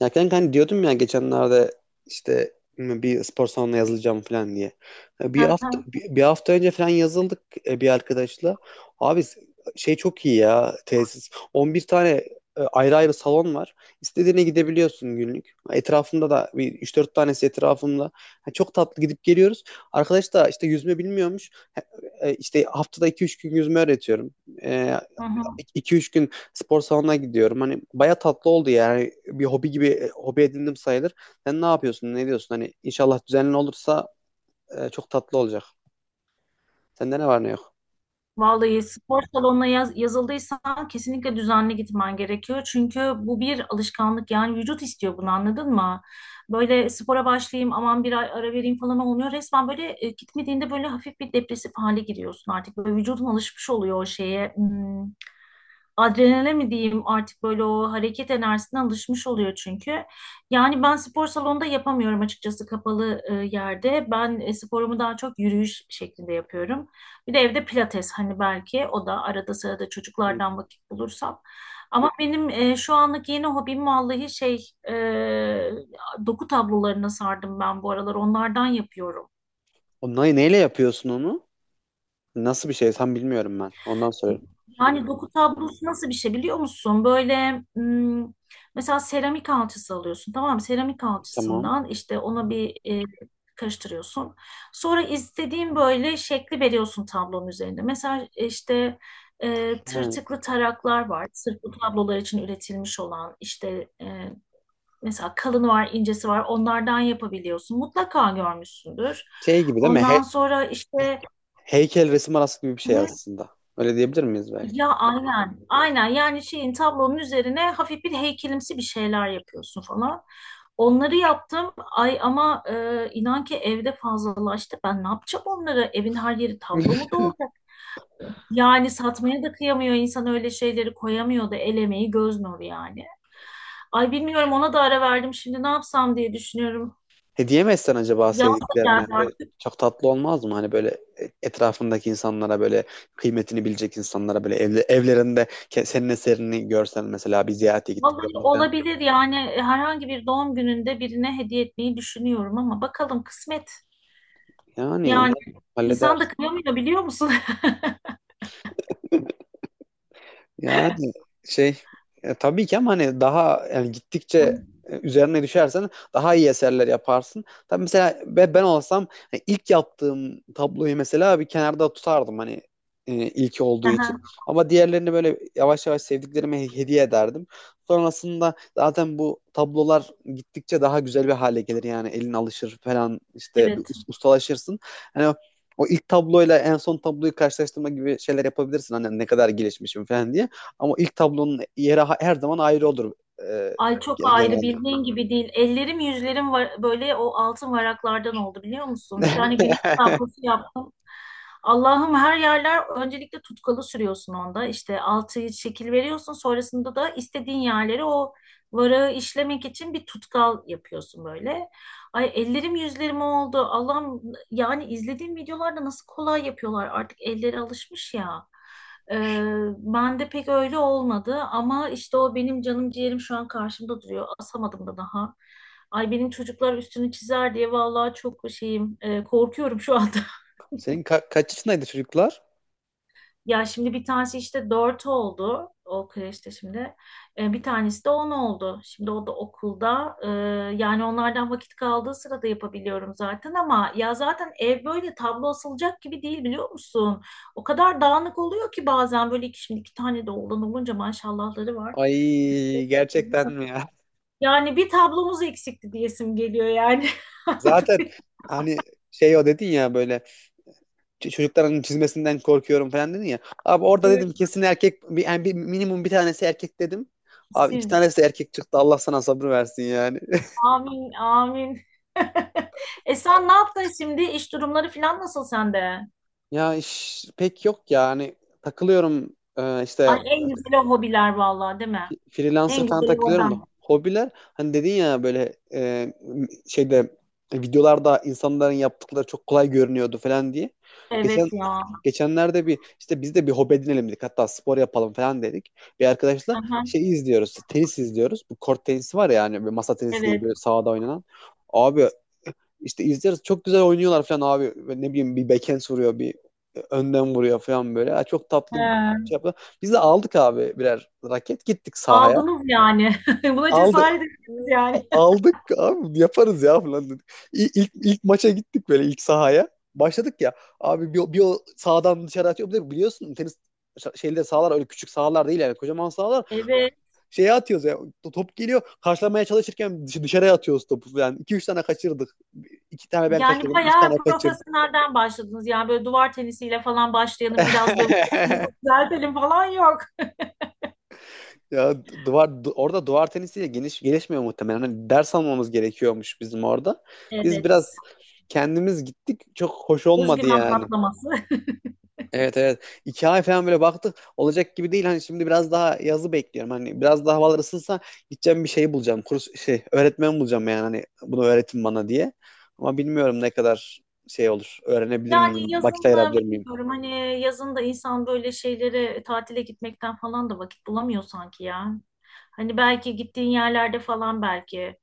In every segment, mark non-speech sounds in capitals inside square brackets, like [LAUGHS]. Ya kanka hani diyordum ya geçenlerde işte bir spor salonuna yazılacağım falan diye. Hı hı, Bir hafta önce falan yazıldık, bir arkadaşla. Abi şey çok iyi ya tesis. 11 tane ayrı ayrı salon var. İstediğine gidebiliyorsun günlük. Etrafımda da bir 3-4 tanesi etrafımda. Ha, çok tatlı gidip geliyoruz. Arkadaş da işte yüzme bilmiyormuş. Ha, e, İşte haftada iki üç gün yüzme öğretiyorum. E, hı hı. 2 üç gün spor salonuna gidiyorum. Hani baya tatlı oldu yani. Bir hobi gibi hobi edindim sayılır. Sen ne yapıyorsun? Ne diyorsun? Hani inşallah düzenli olursa çok tatlı olacak. Sende ne var ne yok? Vallahi spor salonuna yazıldıysan kesinlikle düzenli gitmen gerekiyor. Çünkü bu bir alışkanlık, yani vücut istiyor bunu, anladın mı? Böyle spora başlayayım aman, bir ay ara vereyim falan olmuyor. Resmen böyle gitmediğinde böyle hafif bir depresif hale giriyorsun artık. Böyle vücudun alışmış oluyor o şeye. Hmm. Adrenale mi diyeyim artık, böyle o hareket enerjisine alışmış oluyor çünkü. Yani ben spor salonunda yapamıyorum açıkçası, kapalı yerde. Ben sporumu daha çok yürüyüş şeklinde yapıyorum. Bir de evde pilates, hani belki o da arada sırada, Hmm. çocuklardan vakit bulursam. Ama benim şu anlık yeni hobim, vallahi şey doku tablolarına sardım ben bu aralar, onlardan yapıyorum. O neyle yapıyorsun onu? Nasıl bir şey? Tam bilmiyorum ben. Ondan soruyorum. Yani doku tablosu nasıl bir şey, biliyor musun? Böyle mesela seramik alçısı alıyorsun, tamam mı? Seramik Tamam. alçısından işte ona bir karıştırıyorsun. Sonra istediğin böyle şekli veriyorsun tablonun üzerinde. Mesela işte He. tırtıklı taraklar var. Sırf bu tablolar için üretilmiş olan, işte mesela kalını var, incesi var. Onlardan yapabiliyorsun. Mutlaka görmüşsündür. Şey gibi değil mi? Ondan sonra işte, Heykel resim arası gibi bir şey hı, aslında. Öyle diyebilir miyiz belki? ya aynen, aynen, yani şeyin, tablonun üzerine hafif bir heykelimsi bir şeyler yapıyorsun falan. Onları yaptım. Ay ama inan ki evde fazlalaştı. Ben ne yapacağım onları? Evin her yeri tablo mu dolacak? Yani satmaya da kıyamıyor insan, öyle şeyleri koyamıyor da, el emeği göz nuru yani. Ay bilmiyorum, ona da ara verdim. Şimdi ne yapsam diye düşünüyorum. Hediye mi etsen acaba Yaz da sevdiklerine? geldi Ve artık. çok tatlı olmaz mı? Hani böyle etrafındaki insanlara böyle kıymetini bilecek insanlara böyle evlerinde senin eserini görsen mesela bir ziyarete Vallahi gittiklerinde falan. olabilir yani. Herhangi bir doğum gününde birine hediye etmeyi düşünüyorum ama bakalım, kısmet. Yani Yani umarım halleder. insan da kıyamıyor, biliyor musun? Yani şey tabii ki ama hani daha yani gittikçe [LAUGHS] üzerine düşersen daha iyi eserler yaparsın. Tabii mesela ben olsam hani ilk yaptığım tabloyu mesela bir kenarda tutardım hani ilk olduğu Aha, için. Ama diğerlerini böyle yavaş yavaş sevdiklerime hediye ederdim. Sonrasında zaten bu tablolar gittikçe daha güzel bir hale gelir yani elin alışır falan işte bir evet. Ustalaşırsın. Hani o ilk tabloyla en son tabloyu karşılaştırma gibi şeyler yapabilirsin. Hani ne kadar gelişmişim falan diye. Ama ilk tablonun yeri her zaman ayrı olur, e, Ay çok ayrı, genelde. bildiğin gibi değil. Ellerim yüzlerim var, böyle o altın varaklardan oldu, biliyor musun? Bir tane güneş [LAUGHS] tablosu yaptım. Allah'ım, her yerler. Öncelikle tutkalı sürüyorsun onda. İşte altı şekil veriyorsun. Sonrasında da istediğin yerleri, o varağı işlemek için bir tutkal yapıyorsun böyle. Ay ellerim yüzlerim oldu. Allah'ım, yani izlediğim videolarda nasıl kolay yapıyorlar. Artık elleri alışmış ya. Ee, Ben de pek öyle olmadı ama işte o benim canım ciğerim şu an karşımda duruyor. Asamadım da daha. Ay benim çocuklar üstünü çizer diye, vallahi çok şeyim korkuyorum şu anda. [LAUGHS] Senin kaç yaşındaydı çocuklar? Ya şimdi bir tanesi işte 4 oldu. O kreşte şimdi. Bir tanesi de 10 oldu. Şimdi o da okulda. Yani onlardan vakit kaldığı sırada yapabiliyorum zaten, ama ya zaten ev böyle tablo asılacak gibi değil, biliyor musun? O kadar dağınık oluyor ki bazen, böyle şimdi iki tane de oğlan olunca, maşallahları var. Ay gerçekten mi ya? Yani bir tablomuz eksikti diyesim geliyor yani. [LAUGHS] Anladın Zaten mı? hani şey o dedin ya böyle çocukların çizmesinden korkuyorum falan dedin ya. Abi orada Evet, dedim kesin erkek bir, yani minimum bir tanesi erkek dedim. Abi iki kesin. tanesi erkek çıktı Allah sana sabır versin yani. [LAUGHS] Amin, amin. [LAUGHS] Sen ne yaptın şimdi? İş durumları falan nasıl sende? Ya iş pek yok ya hani takılıyorum, işte Ay en güzeli o hobiler, vallahi değil mi? Freelancer En falan güzeli takılıyorum da. oradan. Hobiler hani dedin ya böyle şeyde videolarda insanların yaptıkları çok kolay görünüyordu falan diye. Geçen Evet ya. geçenlerde bir işte biz de bir hobi edinelim dedik. Hatta spor yapalım falan dedik. Bir arkadaşla Aha, şey izliyoruz. Tenis izliyoruz. Bu kort tenisi var ya hani böyle masa tenisi değil evet. böyle sahada oynanan. Abi işte izliyoruz. Çok güzel oynuyorlar falan abi. Ve ne bileyim bir backhand vuruyor, bir önden vuruyor falan böyle. Ha, çok tatlı şey He. yapıyor. Biz de aldık abi birer raket gittik sahaya, Aldınız yani. [LAUGHS] Buna aldı cesaret ettiniz yani. aldık abi yaparız ya falan dedik. İlk maça gittik böyle ilk sahaya. Başladık ya abi bir o sağdan dışarı atıyor. Bir de biliyorsun tenis şeyde sahalar öyle küçük sahalar değil yani kocaman sahalar. [LAUGHS] Evet. Şeye atıyoruz ya top geliyor karşılamaya çalışırken dışarıya atıyoruz topu yani. İki üç tane kaçırdık. İki tane ben Yani kaçırdım. Üç tane bayağı o kaçırdı. profesyonelden başladınız. Yani böyle duvar tenisiyle falan başlayalım, biraz böyle sesimizi [LAUGHS] düzeltelim falan, yok. Ya duvar orada duvar tenisiyle geniş gelişmiyor muhtemelen. Hani ders almamız gerekiyormuş bizim orada. Biz Evet. biraz kendimiz gittik. Çok hoş olmadı Özgüven yani. patlaması. [LAUGHS] Evet evet. 2 ay falan böyle baktık. Olacak gibi değil. Hani şimdi biraz daha yazı bekliyorum. Hani biraz daha havalar ısınsa gideceğim bir şey bulacağım. Kurs şey öğretmen bulacağım yani. Hani bunu öğretin bana diye. Ama bilmiyorum ne kadar şey olur. Öğrenebilir Yani miyim? Vakit yazın ayırabilir miyim? bilmiyorum, hani yazın da insan böyle şeylere tatile gitmekten falan da vakit bulamıyor sanki ya. Hani belki gittiğin yerlerde falan, belki.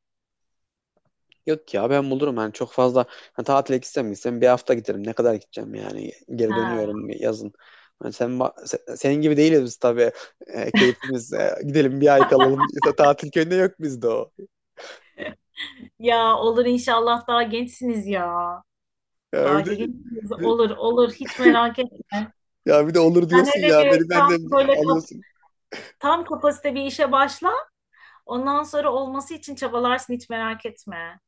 Yok ya ben bulurum yani çok fazla hani tatile gitsem gitsem bir hafta giderim ne kadar gideceğim yani geri dönüyorum Ha. yazın. Hani sen senin gibi değiliz biz tabii. Keyfimiz gidelim bir ay kalalım, İşte tatil köyünde yok bizde o. Ya olur inşallah, daha gençsiniz ya. Ya Daha bir de, gençsiniz. bir- Olur olur, hiç merak etme. ya bir de olur Sen diyorsun hele ya bir beni tam benden böyle alıyorsun. tam kapasite bir işe başla. Ondan sonra olması için çabalarsın, hiç merak etme.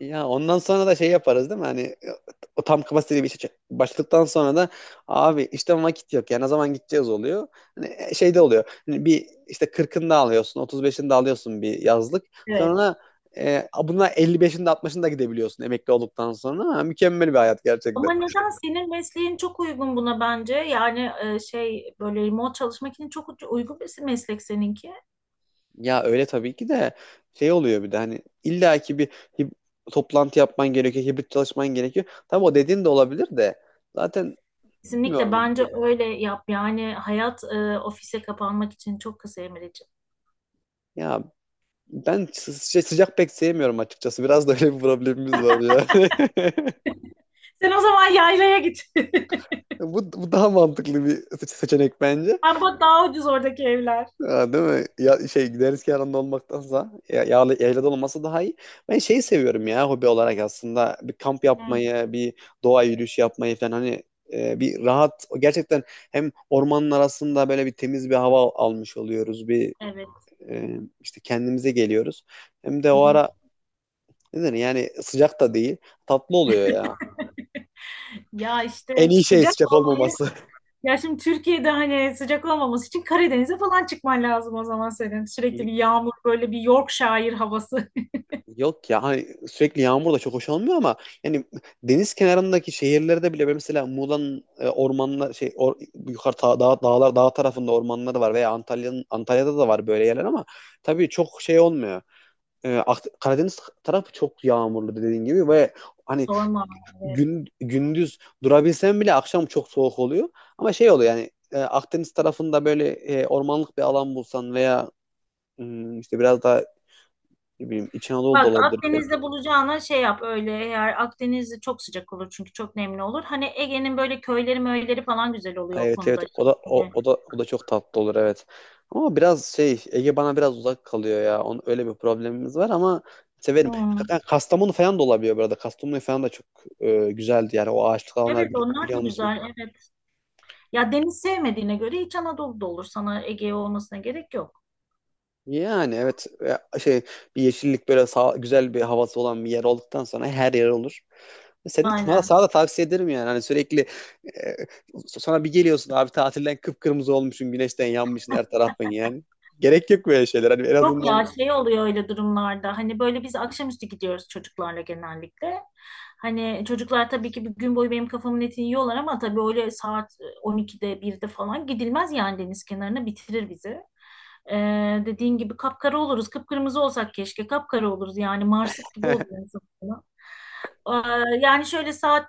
Ya ondan sonra da şey yaparız değil mi? Hani o tam kapasiteli bir işe başladıktan sonra da abi işte vakit yok. Yani ne zaman gideceğiz oluyor. Hani şey de oluyor. Hani bir işte 40'ını da alıyorsun, 35'ini de alıyorsun bir yazlık. Evet. Sonra buna 55'ini de 60'ını da gidebiliyorsun emekli olduktan sonra. Ha, mükemmel bir hayat gerçekten. Ama neden senin mesleğin çok uygun buna bence? Yani şey böyle remote çalışmak için çok uygun bir meslek seninki. Ya öyle tabii ki de şey oluyor bir de hani illaki bir hib- toplantı yapman gerekiyor, hibrit çalışman gerekiyor. Tabii o dediğin de olabilir de zaten Kesinlikle, bilmiyorum. bence öyle yap. Yani hayat ofise kapanmak için çok kısa Emre'ciğim. Ya ben şey, sıcak pek sevmiyorum açıkçası. Biraz da öyle bir problemimiz var yani. [LAUGHS] Sen o zaman yaylaya git. [LAUGHS] Bu daha mantıklı bir seçenek bence. Ama daha ucuz oradaki evler. Ha, değil mi? Ya, şey deniz kenarında olmaktansa ya, yağlı, yaylada olması daha iyi. Ben şeyi seviyorum ya hobi olarak aslında. Bir kamp Hı, yapmayı, bir doğa yürüyüşü yapmayı falan hani bir rahat gerçekten hem ormanın arasında böyle bir temiz bir hava almış oluyoruz. Bir evet. İşte kendimize geliyoruz. Hem de Hı o hı. ara ne denir yani sıcak da değil. Tatlı oluyor ya. [LAUGHS] Ya işte En iyi şey sıcak sıcak olmayı. olmaması. Ya şimdi Türkiye'de hani, sıcak olmaması için Karadeniz'e falan çıkman lazım o zaman senin. Sürekli bir [LAUGHS] yağmur, böyle bir Yorkshire havası. Yok ya hani sürekli yağmur da çok hoş olmuyor ama yani deniz kenarındaki şehirlerde bile mesela Muğla'nın ormanlar şey yukarı dağlar dağ tarafında ormanları var veya Antalya'da da var böyle yerler ama tabii çok şey olmuyor. Karadeniz tarafı çok yağmurlu dediğin gibi ve [LAUGHS] hani Sorma. Evet. Gündüz durabilsen bile akşam çok soğuk oluyor. Ama şey oluyor yani Akdeniz tarafında böyle ormanlık bir alan bulsan veya işte biraz daha ne bileyim İç Anadolu da Bak, olabilir pek. Akdeniz'de bulacağına şey yap öyle, eğer Akdeniz'de çok sıcak olur çünkü çok nemli olur. Hani Ege'nin böyle köyleri möyleri falan güzel Ha, oluyor o evet konuda. evet, o da Şey, o, böyle. o da o da çok tatlı olur evet. Ama biraz şey Ege bana biraz uzak kalıyor ya. Onun öyle bir problemimiz var ama severim. Hmm. Kastamonu falan da olabiliyor burada. Kastamonu falan da çok güzeldi yani o ağaçlık alanlar Evet, onlar da biliyor musun? güzel, evet. Ya, deniz sevmediğine göre İç Anadolu'da olur sana, Ege olmasına gerek yok. Yani evet şey bir yeşillik böyle güzel bir havası olan bir yer olduktan sonra her yer olur. Seni de sana, Aynen. sana da tavsiye ederim yani. Hani sürekli e, sonra bir geliyorsun abi tatilden kıpkırmızı olmuşsun, güneşten yanmışsın her tarafın yani. Gerek yok böyle şeyler. Hani en Yok azından ya, şey oluyor öyle durumlarda. Hani böyle biz akşamüstü gidiyoruz çocuklarla genellikle. Hani çocuklar tabii ki bir gün boyu benim kafamın etini yiyorlar, ama tabii öyle saat 12'de 1'de falan gidilmez yani, deniz kenarına, bitirir bizi. Dediğin gibi kapkara oluruz. Kıpkırmızı olsak keşke, kapkara oluruz yani, marsık gibi oluyor [LAUGHS] insan. Yani şöyle saat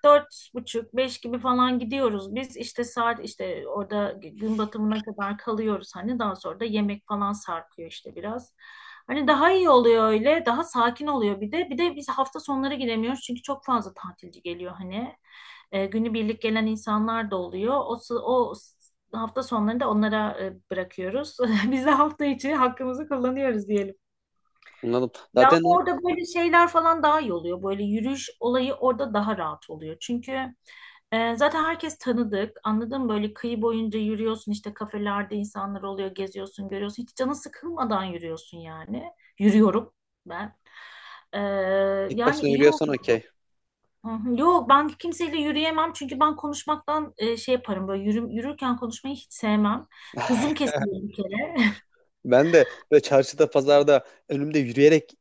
buçuk, beş gibi falan gidiyoruz biz. İşte saat, işte orada gün batımına kadar kalıyoruz, hani daha sonra da yemek falan sarkıyor işte biraz. Hani daha iyi oluyor öyle, daha sakin oluyor bir de. Bir de biz hafta sonları gidemiyoruz çünkü çok fazla tatilci geliyor hani. Günübirlik gelen insanlar da oluyor. O, sı- o s- Hafta sonlarını da onlara bırakıyoruz. [LAUGHS] Biz de hafta içi hakkımızı kullanıyoruz diyelim. anladım. Ya ama Zaten orada böyle şeyler falan daha iyi oluyor. Böyle yürüyüş olayı orada daha rahat oluyor. Çünkü zaten herkes tanıdık. Anladın mı? Böyle kıyı boyunca yürüyorsun, işte kafelerde insanlar oluyor, geziyorsun, görüyorsun. Hiç canı sıkılmadan yürüyorsun yani. Yürüyorum ben. Ee, ilk Yani başına iyi oldu. yürüyorsan okey. Hı hı. Yok, ben kimseyle yürüyemem çünkü ben konuşmaktan şey yaparım böyle, yürürken konuşmayı hiç sevmem. Hızım [LAUGHS] kesilir bir kere. Ben de böyle çarşıda, pazarda önümde yürüyerek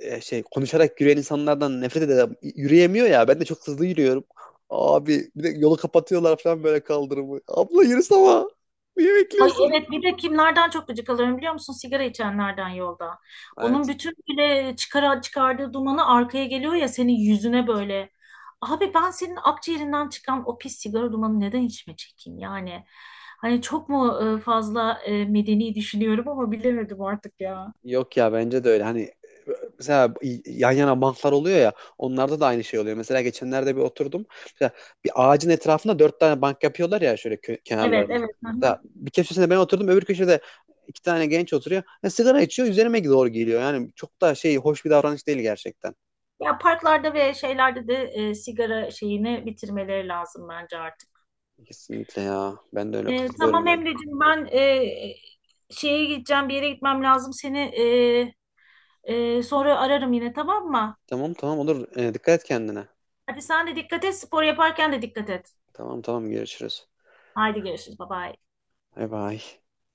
şey konuşarak yürüyen insanlardan nefret ederim. Yürüyemiyor ya. Ben de çok hızlı yürüyorum. Abi bir de yolu kapatıyorlar falan böyle kaldırımı. Abla yürüsene ama. Niye Ay bekliyorsun? evet, bir de kimlerden çok gıcık alıyorum biliyor musun? Sigara içenlerden, yolda. Onun Evet. bütün bile çıkardığı dumanı arkaya geliyor ya, senin yüzüne böyle. Abi ben senin akciğerinden çıkan o pis sigara dumanı neden içime çekeyim yani? Hani çok mu fazla medeni düşünüyorum, ama bilemedim artık ya. Yok ya bence de öyle. Hani mesela yan yana banklar oluyor ya onlarda da aynı şey oluyor. Mesela geçenlerde bir oturdum. Mesela bir ağacın etrafında dört tane bank yapıyorlar ya şöyle Evet, kenarlarına. evet. Hı hı. Mesela bir köşesinde ben oturdum öbür köşede iki tane genç oturuyor. Ya sigara içiyor üzerime doğru geliyor. Yani çok da şey hoş bir davranış değil gerçekten. Ya parklarda ve şeylerde de sigara şeyini bitirmeleri lazım bence artık. Kesinlikle ya. Ben de öyle katılıyorum Tamam yani. Emre'cim, ben şeye gideceğim, bir yere gitmem lazım. Seni sonra ararım yine, tamam mı? Tamam tamam olur. Dikkat et kendine. Hadi sen de dikkat et, spor yaparken de dikkat et. Tamam tamam görüşürüz. Haydi görüşürüz, bye bye. Bay bay.